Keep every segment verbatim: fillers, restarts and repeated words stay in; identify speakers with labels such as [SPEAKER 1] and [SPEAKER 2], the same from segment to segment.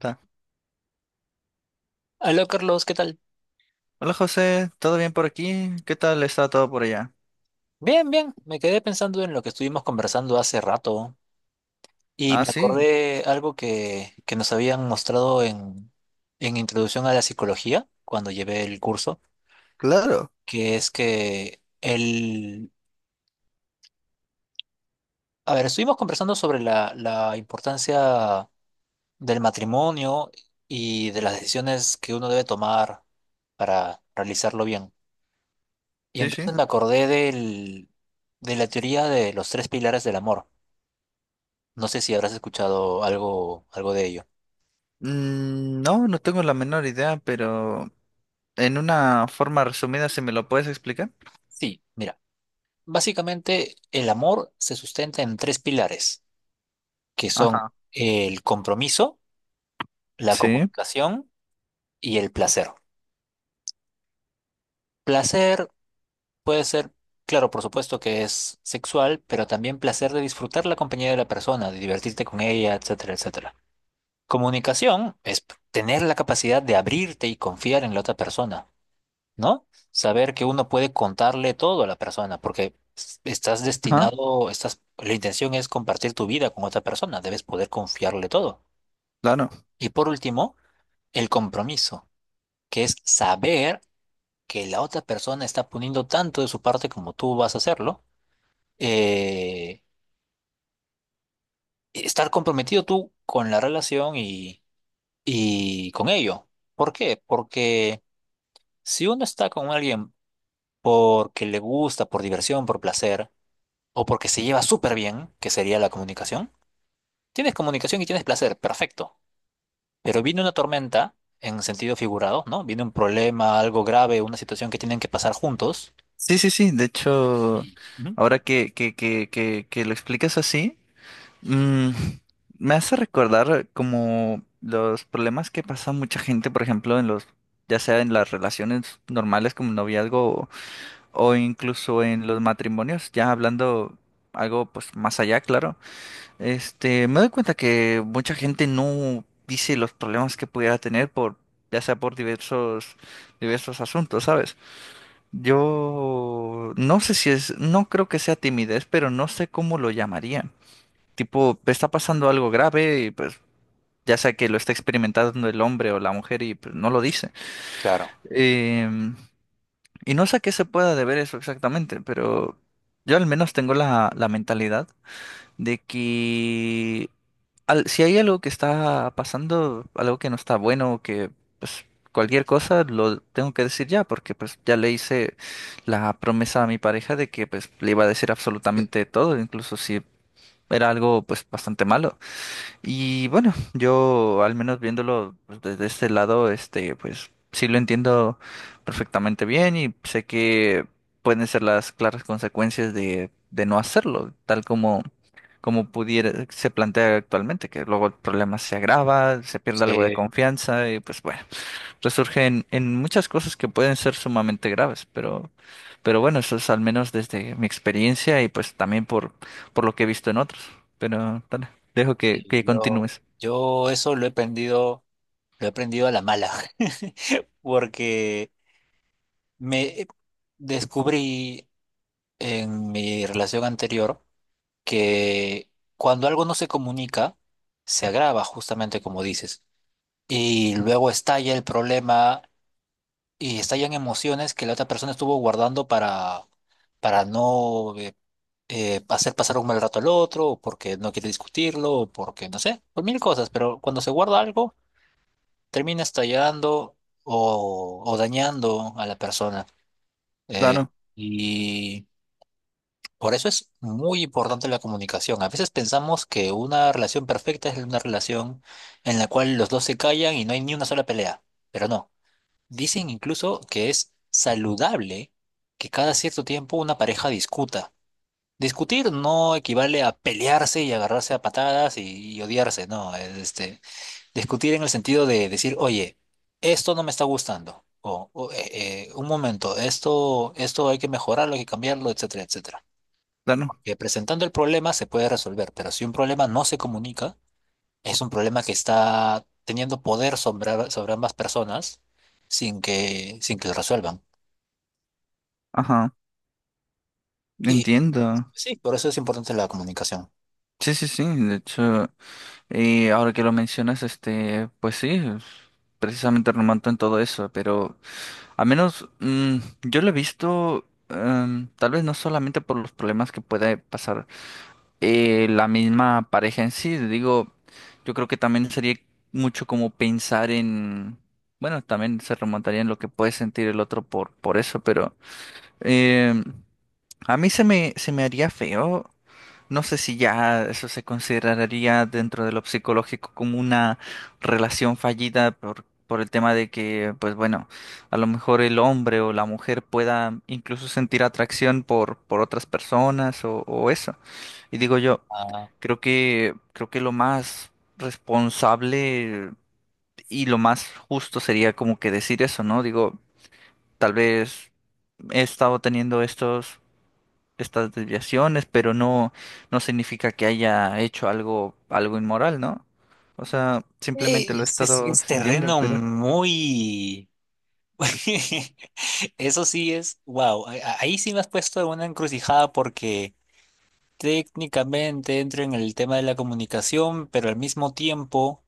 [SPEAKER 1] Ta.
[SPEAKER 2] Hola Carlos, ¿qué tal?
[SPEAKER 1] Hola José, ¿todo bien por aquí? ¿Qué tal está todo por allá?
[SPEAKER 2] Bien, bien, me quedé pensando en lo que estuvimos conversando hace rato y
[SPEAKER 1] Ah,
[SPEAKER 2] me
[SPEAKER 1] sí,
[SPEAKER 2] acordé algo que, que nos habían mostrado en, en Introducción a la Psicología cuando llevé el curso,
[SPEAKER 1] claro,
[SPEAKER 2] que es que el... A ver, estuvimos conversando sobre la, la importancia del matrimonio y de las decisiones que uno debe tomar para realizarlo bien. Y
[SPEAKER 1] sí,
[SPEAKER 2] entonces
[SPEAKER 1] sí.
[SPEAKER 2] me acordé del, de la teoría de los tres pilares del amor. No sé si habrás escuchado algo, algo de ello.
[SPEAKER 1] Mm, no, no tengo la menor idea, pero en una forma resumida, si me lo puedes explicar.
[SPEAKER 2] Sí, mira, básicamente el amor se sustenta en tres pilares, que son
[SPEAKER 1] Ajá,
[SPEAKER 2] el compromiso, la
[SPEAKER 1] sí,
[SPEAKER 2] comunicación y el placer. Placer puede ser, claro, por supuesto que es sexual, pero también placer de disfrutar la compañía de la persona, de divertirte con ella, etcétera, etcétera. Comunicación es tener la capacidad de abrirte y confiar en la otra persona, ¿no? Saber que uno puede contarle todo a la persona, porque s- estás
[SPEAKER 1] ajá,
[SPEAKER 2] destinado, estás, la intención es compartir tu vida con otra persona, debes poder confiarle todo.
[SPEAKER 1] claro.
[SPEAKER 2] Y por último, el compromiso, que es saber que la otra persona está poniendo tanto de su parte como tú vas a hacerlo, eh, estar comprometido tú con la relación y, y con ello. ¿Por qué? Porque si uno está con alguien porque le gusta, por diversión, por placer, o porque se lleva súper bien, que sería la comunicación. Tienes comunicación y tienes placer, perfecto. Pero viene una tormenta en sentido figurado, ¿no? Viene un problema, algo grave, una situación que tienen que pasar juntos.
[SPEAKER 1] Sí, sí, sí, de hecho,
[SPEAKER 2] Ujú.
[SPEAKER 1] ahora que, que, que, que, que lo explicas así, mm, me hace recordar como los problemas que pasa mucha gente, por ejemplo, en los, ya sea en las relaciones normales como noviazgo o incluso en los matrimonios, ya hablando algo pues más allá, claro, este, me doy cuenta que mucha gente no dice los problemas que pudiera tener por, ya sea por diversos, diversos asuntos, ¿sabes? Yo no sé si es, no creo que sea timidez, pero no sé cómo lo llamaría. Tipo, está pasando algo grave y pues ya sea que lo está experimentando el hombre o la mujer y pues no lo dice.
[SPEAKER 2] Claro.
[SPEAKER 1] Em, y no sé a qué se pueda deber eso exactamente, pero yo al menos tengo la, la mentalidad de que al- si hay algo que está pasando, algo que no está bueno, que pues cualquier cosa lo tengo que decir ya, porque pues ya le hice la promesa a mi pareja de que pues le iba a decir
[SPEAKER 2] Sí,
[SPEAKER 1] absolutamente todo, incluso si era algo pues bastante malo. Y bueno, yo al menos viéndolo pues, desde este lado, este, pues sí lo entiendo perfectamente bien y sé que pueden ser las claras consecuencias de, de no hacerlo, tal como, como pudiera, se plantea actualmente, que luego el problema se agrava, se pierde algo de
[SPEAKER 2] sí,
[SPEAKER 1] confianza y pues bueno resurge en, en muchas cosas que pueden ser sumamente graves, pero, pero bueno, eso es al menos desde mi experiencia y pues también por, por lo que he visto en otros. Pero dale, dejo que,
[SPEAKER 2] sí,
[SPEAKER 1] que
[SPEAKER 2] yo,
[SPEAKER 1] continúes.
[SPEAKER 2] yo eso lo he aprendido, lo he aprendido a la mala, porque me eh, descubrí en mi relación anterior que cuando algo no se comunica, se agrava justamente como dices. Y luego estalla el problema y estallan emociones que la otra persona estuvo guardando para, para no eh, eh, hacer pasar un mal rato al otro, o porque no quiere discutirlo, o porque no sé, por mil cosas, pero cuando se guarda algo, termina estallando o, o dañando a la persona. Eh,
[SPEAKER 1] Claro,
[SPEAKER 2] y por eso es muy importante la comunicación. A veces pensamos que una relación perfecta es una relación en la cual los dos se callan y no hay ni una sola pelea, pero no. Dicen incluso que es saludable que cada cierto tiempo una pareja discuta. Discutir no equivale a pelearse y agarrarse a patadas y, y odiarse, no. Es, Este, discutir en el sentido de decir, oye, esto no me está gustando. O, o, eh, eh, un momento, esto, esto hay que mejorarlo, hay que cambiarlo, etcétera, etcétera.
[SPEAKER 1] claro.
[SPEAKER 2] Que presentando el problema se puede resolver, pero si un problema no se comunica, es un problema que está teniendo poder sobre, sobre ambas personas sin que, sin que lo resuelvan.
[SPEAKER 1] Ajá,
[SPEAKER 2] Y
[SPEAKER 1] entiendo.
[SPEAKER 2] sí, por eso es importante la comunicación.
[SPEAKER 1] Sí, sí, sí. De hecho, y ahora que lo mencionas, este, pues sí, es precisamente remonta en todo eso, pero al menos mm, yo lo he visto, em, tal vez no solamente por los problemas que puede pasar. Eh, la misma pareja en sí. Digo, yo creo que también sería mucho como pensar en, bueno, también se remontaría en lo que puede sentir el otro por, por eso, pero eh, a mí se me, se me haría feo. No sé si ya eso se consideraría dentro de lo psicológico como una relación fallida por, por el tema de que, pues bueno, a lo mejor el hombre o la mujer pueda incluso sentir atracción por, por otras personas o o eso. Y digo yo,
[SPEAKER 2] Ah,
[SPEAKER 1] creo que, creo que lo más responsable y lo más justo sería como que decir eso, ¿no? Digo, tal vez he estado teniendo estos, estas desviaciones, pero no, no significa que haya hecho algo, algo inmoral, ¿no? O sea,
[SPEAKER 2] eh,
[SPEAKER 1] simplemente lo he
[SPEAKER 2] ese sí
[SPEAKER 1] estado
[SPEAKER 2] es
[SPEAKER 1] sintiendo,
[SPEAKER 2] terreno
[SPEAKER 1] pero...
[SPEAKER 2] muy... Eso sí es, wow, ahí sí me has puesto en una encrucijada porque técnicamente entro en el tema de la comunicación, pero al mismo tiempo,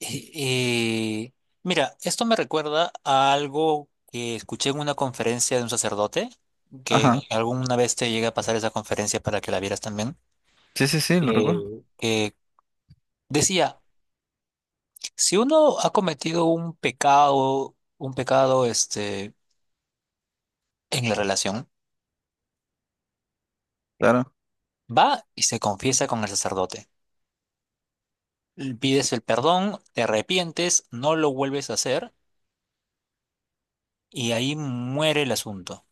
[SPEAKER 2] eh, eh, mira, esto me recuerda a algo que escuché en una conferencia de un sacerdote, que
[SPEAKER 1] Ajá.
[SPEAKER 2] alguna vez te llega a pasar esa conferencia para que la vieras también,
[SPEAKER 1] Sí, sí, sí, lo recuerdo.
[SPEAKER 2] eh, que decía... Si uno ha cometido un pecado, un pecado este, en la relación,
[SPEAKER 1] Claro.
[SPEAKER 2] va y se confiesa con el sacerdote. L- Pides el perdón, te arrepientes, no lo vuelves a hacer y ahí muere el asunto.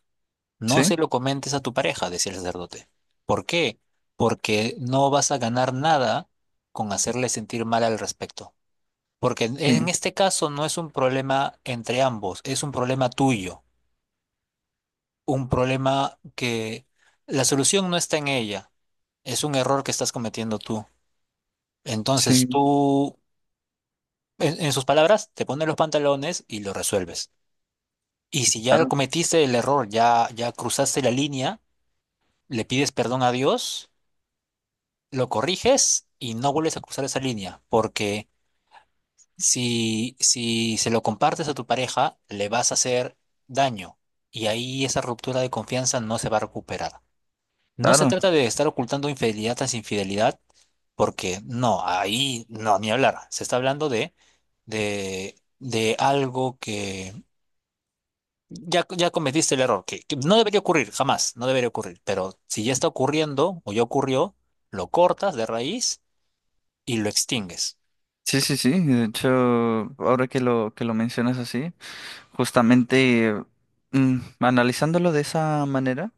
[SPEAKER 2] No
[SPEAKER 1] Sí,
[SPEAKER 2] se lo comentes a tu pareja, decía el sacerdote. ¿Por qué? Porque no vas a ganar nada con hacerle sentir mal al respecto. Porque en
[SPEAKER 1] sí,
[SPEAKER 2] en este caso no es un problema entre ambos, es un problema tuyo. Un problema que la solución no está en ella, es un error que estás cometiendo tú. Entonces
[SPEAKER 1] sí,
[SPEAKER 2] tú, en, en sus palabras, te pones los pantalones y lo resuelves. Y si ya lo
[SPEAKER 1] claro,
[SPEAKER 2] cometiste el error, ya, ya cruzaste la línea, le pides perdón a Dios, lo corriges y no vuelves a cruzar esa línea, porque si, si se lo compartes a tu pareja, le vas a hacer daño y ahí esa ruptura de confianza no se va a recuperar. No se
[SPEAKER 1] claro.
[SPEAKER 2] trata de estar ocultando infidelidad tras infidelidad, porque no, ahí no, ni hablar. Se está hablando de, de, de algo que ya, ya cometiste el error, que, que no debería ocurrir, jamás, no debería ocurrir. Pero si ya está ocurriendo o ya ocurrió, lo cortas de raíz y lo extingues.
[SPEAKER 1] Sí, sí, sí. De hecho, ahora que lo, que lo mencionas así. Justamente, mm, analizándolo de esa manera,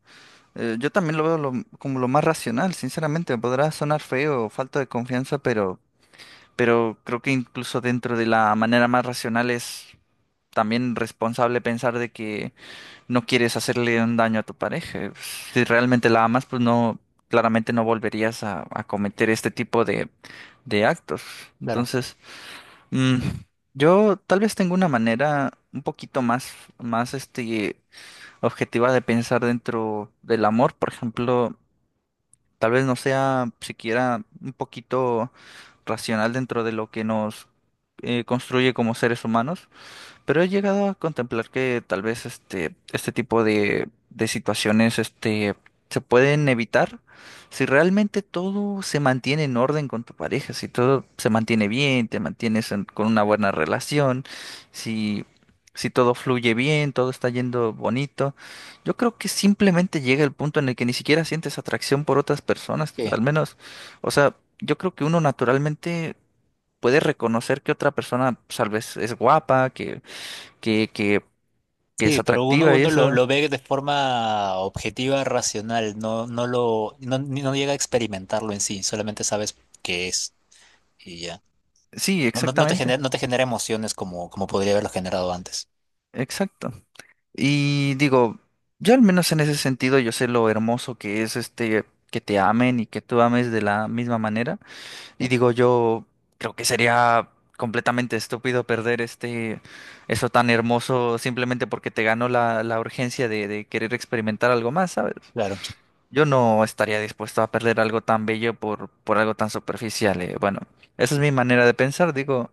[SPEAKER 1] eh, yo también lo veo lo- como lo más racional, sinceramente. Podrá sonar feo o falta de confianza, pero, pero creo que incluso dentro de la manera más racional es también responsable pensar de que no quieres hacerle un daño a tu pareja. Si realmente la amas, pues no, claramente no volverías a, a cometer este tipo de, de actos.
[SPEAKER 2] Claro.
[SPEAKER 1] Entonces, mm, yo tal vez tengo una manera un poquito más, más este objetiva de pensar dentro del amor, por ejemplo, tal vez no sea siquiera un poquito racional dentro de lo que nos eh, construye como seres humanos. Pero he llegado a contemplar que tal vez este, este tipo de, de situaciones este, se pueden evitar si realmente todo se mantiene en orden con tu pareja, si todo se mantiene bien, te mantienes en- con una buena relación, si, si todo fluye bien, todo está yendo bonito. Yo creo que simplemente llega el punto en el que ni siquiera sientes atracción por otras personas,
[SPEAKER 2] Sí,
[SPEAKER 1] al menos, o sea, yo creo que uno naturalmente puede reconocer que otra persona pues, tal vez es guapa, que que, que, que es
[SPEAKER 2] sí, pero uno,
[SPEAKER 1] atractiva y
[SPEAKER 2] uno lo,
[SPEAKER 1] eso.
[SPEAKER 2] lo ve de forma objetiva, racional, no, no lo, no, no llega a experimentarlo en sí, solamente sabes qué es. Y ya.
[SPEAKER 1] Sí,
[SPEAKER 2] No, no, no te
[SPEAKER 1] exactamente,
[SPEAKER 2] genera, no te genera emociones como, como podría haberlo generado antes.
[SPEAKER 1] exacto. Y digo, yo al menos en ese sentido yo sé lo hermoso que es este que te amen y que tú ames de la misma manera. Y
[SPEAKER 2] Sí,
[SPEAKER 1] digo, yo creo que sería completamente estúpido perder este eso tan hermoso simplemente porque te ganó la, la urgencia de, de querer experimentar algo más, ¿sabes?
[SPEAKER 2] claro.
[SPEAKER 1] Yo no estaría dispuesto a perder algo tan bello por, por algo tan superficial. eh. Bueno, esa es mi manera de pensar. Digo,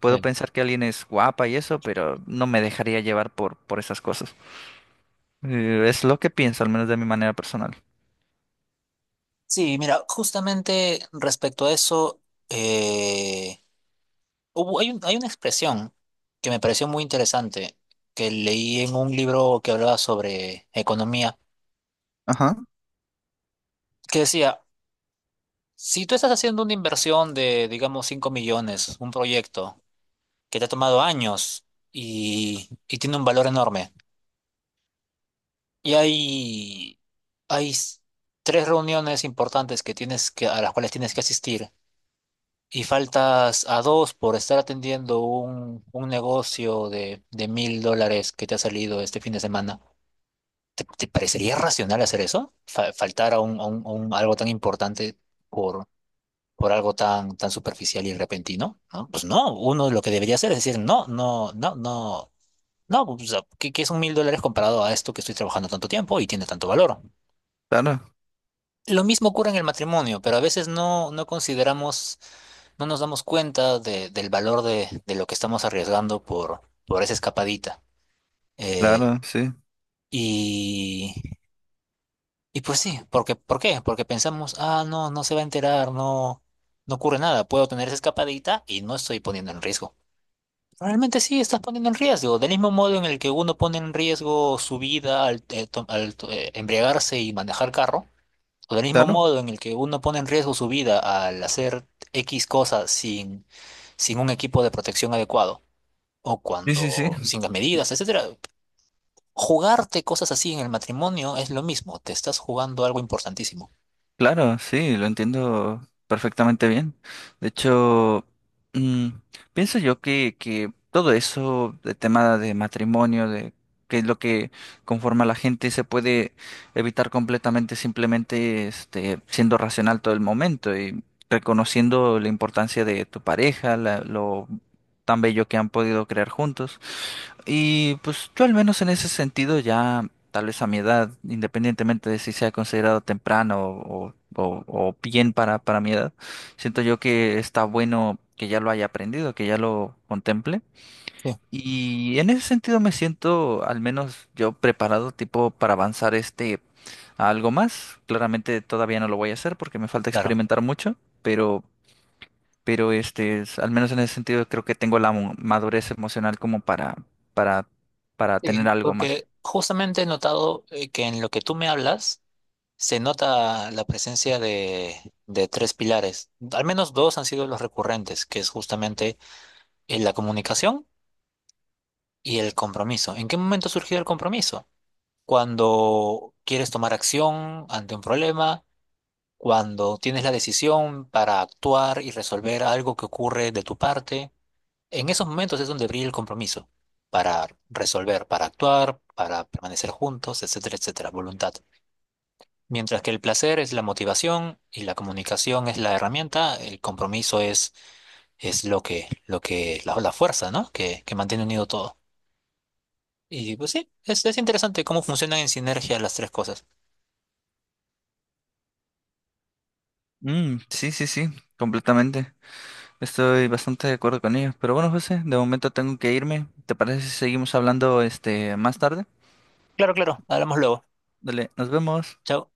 [SPEAKER 1] puedo
[SPEAKER 2] Sí,
[SPEAKER 1] pensar que alguien es guapa y eso, pero no me dejaría llevar por, por esas cosas. Eh, es lo que pienso, al menos de mi manera personal.
[SPEAKER 2] sí, mira, justamente respecto a eso, eh, hubo- hay un- hay una expresión que me pareció muy interesante, que leí en un libro que hablaba sobre economía,
[SPEAKER 1] Ajá,
[SPEAKER 2] que decía, si tú estás haciendo una inversión de, digamos, cinco millones, un proyecto que te ha tomado años y, y tiene un valor enorme. Y hay, hay s- tres reuniones importantes que tienes que, a las cuales tienes que asistir. Y faltas a dos por estar atendiendo un, un negocio de, de mil dólares que te ha salido este fin de semana. ¿Te, te parecería racional hacer eso? Fa- faltar a un, a un- a un- algo tan importante por, por algo tan, tan superficial y repentino, ¿no? Pues no, uno lo que debería hacer es decir, no, no, no, no, no, pues, o sea, ¿qué, qué son mil dólares comparado a esto que estoy trabajando tanto tiempo y tiene tanto valor?
[SPEAKER 1] claro,
[SPEAKER 2] Lo mismo ocurre en el matrimonio, pero a veces no, no consideramos, no nos damos cuenta de- del valor de, de lo que estamos arriesgando por, por esa escapadita. Eh,
[SPEAKER 1] claro, sí,
[SPEAKER 2] y, y pues sí, porque, ¿por qué? Porque pensamos, ah, no, no se va a enterar, no, no ocurre nada, puedo tener esa escapadita y no estoy poniendo en riesgo. Realmente sí, estás poniendo en riesgo, del mismo modo en el que uno pone en riesgo su vida al, eh, to- al, to- eh, embriagarse y manejar carro. O del mismo
[SPEAKER 1] claro.
[SPEAKER 2] modo en el que uno pone en riesgo su vida al hacer X cosas sin, sin un equipo de protección adecuado, o
[SPEAKER 1] Sí, sí,
[SPEAKER 2] cuando
[SPEAKER 1] sí.
[SPEAKER 2] sin las medidas, etcétera. Jugarte cosas así en el matrimonio es lo mismo, te estás jugando algo importantísimo.
[SPEAKER 1] Claro, sí, lo entiendo perfectamente bien. De hecho, mm, pienso yo que, que todo eso, de tema de matrimonio, de qué es lo que conforma a la gente, se puede evitar completamente simplemente este, siendo racional todo el momento y reconociendo la importancia de tu pareja, la- lo tan bello que han podido crear juntos. Y pues yo al menos en ese sentido ya, tal vez a mi edad, independientemente de si sea considerado temprano o, o- o bien para, para mi edad, siento yo que está bueno que ya lo haya aprendido, que ya lo contemple.
[SPEAKER 2] Sí,
[SPEAKER 1] Y en ese sentido me siento al menos yo preparado tipo para avanzar este a algo más. Claramente todavía no lo voy a hacer porque me falta
[SPEAKER 2] claro.
[SPEAKER 1] experimentar mucho, pero pero este, es- al menos en ese sentido creo que tengo la mo- madurez emocional como para, para, para tener
[SPEAKER 2] Sí,
[SPEAKER 1] algo más.
[SPEAKER 2] porque justamente he notado eh, que en lo que tú me hablas se nota la presencia de, de tres pilares. Al menos dos han sido los recurrentes, que es justamente eh, la comunicación y el compromiso. ¿En qué momento surgió el compromiso? Cuando quieres tomar acción ante un problema, cuando tienes la decisión para actuar y resolver algo que ocurre de tu parte. En esos momentos es donde brilla el compromiso, para resolver, para actuar, para permanecer juntos, etcétera, etcétera, voluntad. Mientras que el placer es la motivación y la comunicación es la herramienta, el compromiso es, es lo que, lo que, la, la fuerza, ¿no? Que, que mantiene unido todo. Y pues sí, es, es interesante cómo funcionan en sinergia las tres cosas.
[SPEAKER 1] Mm, sí, sí, sí, completamente. Estoy bastante de acuerdo con ello. Pero bueno, José, de momento tengo que irme. ¿Te parece si seguimos hablando este más tarde?
[SPEAKER 2] Claro, claro, hablamos luego.
[SPEAKER 1] Dale, nos vemos.
[SPEAKER 2] Chao.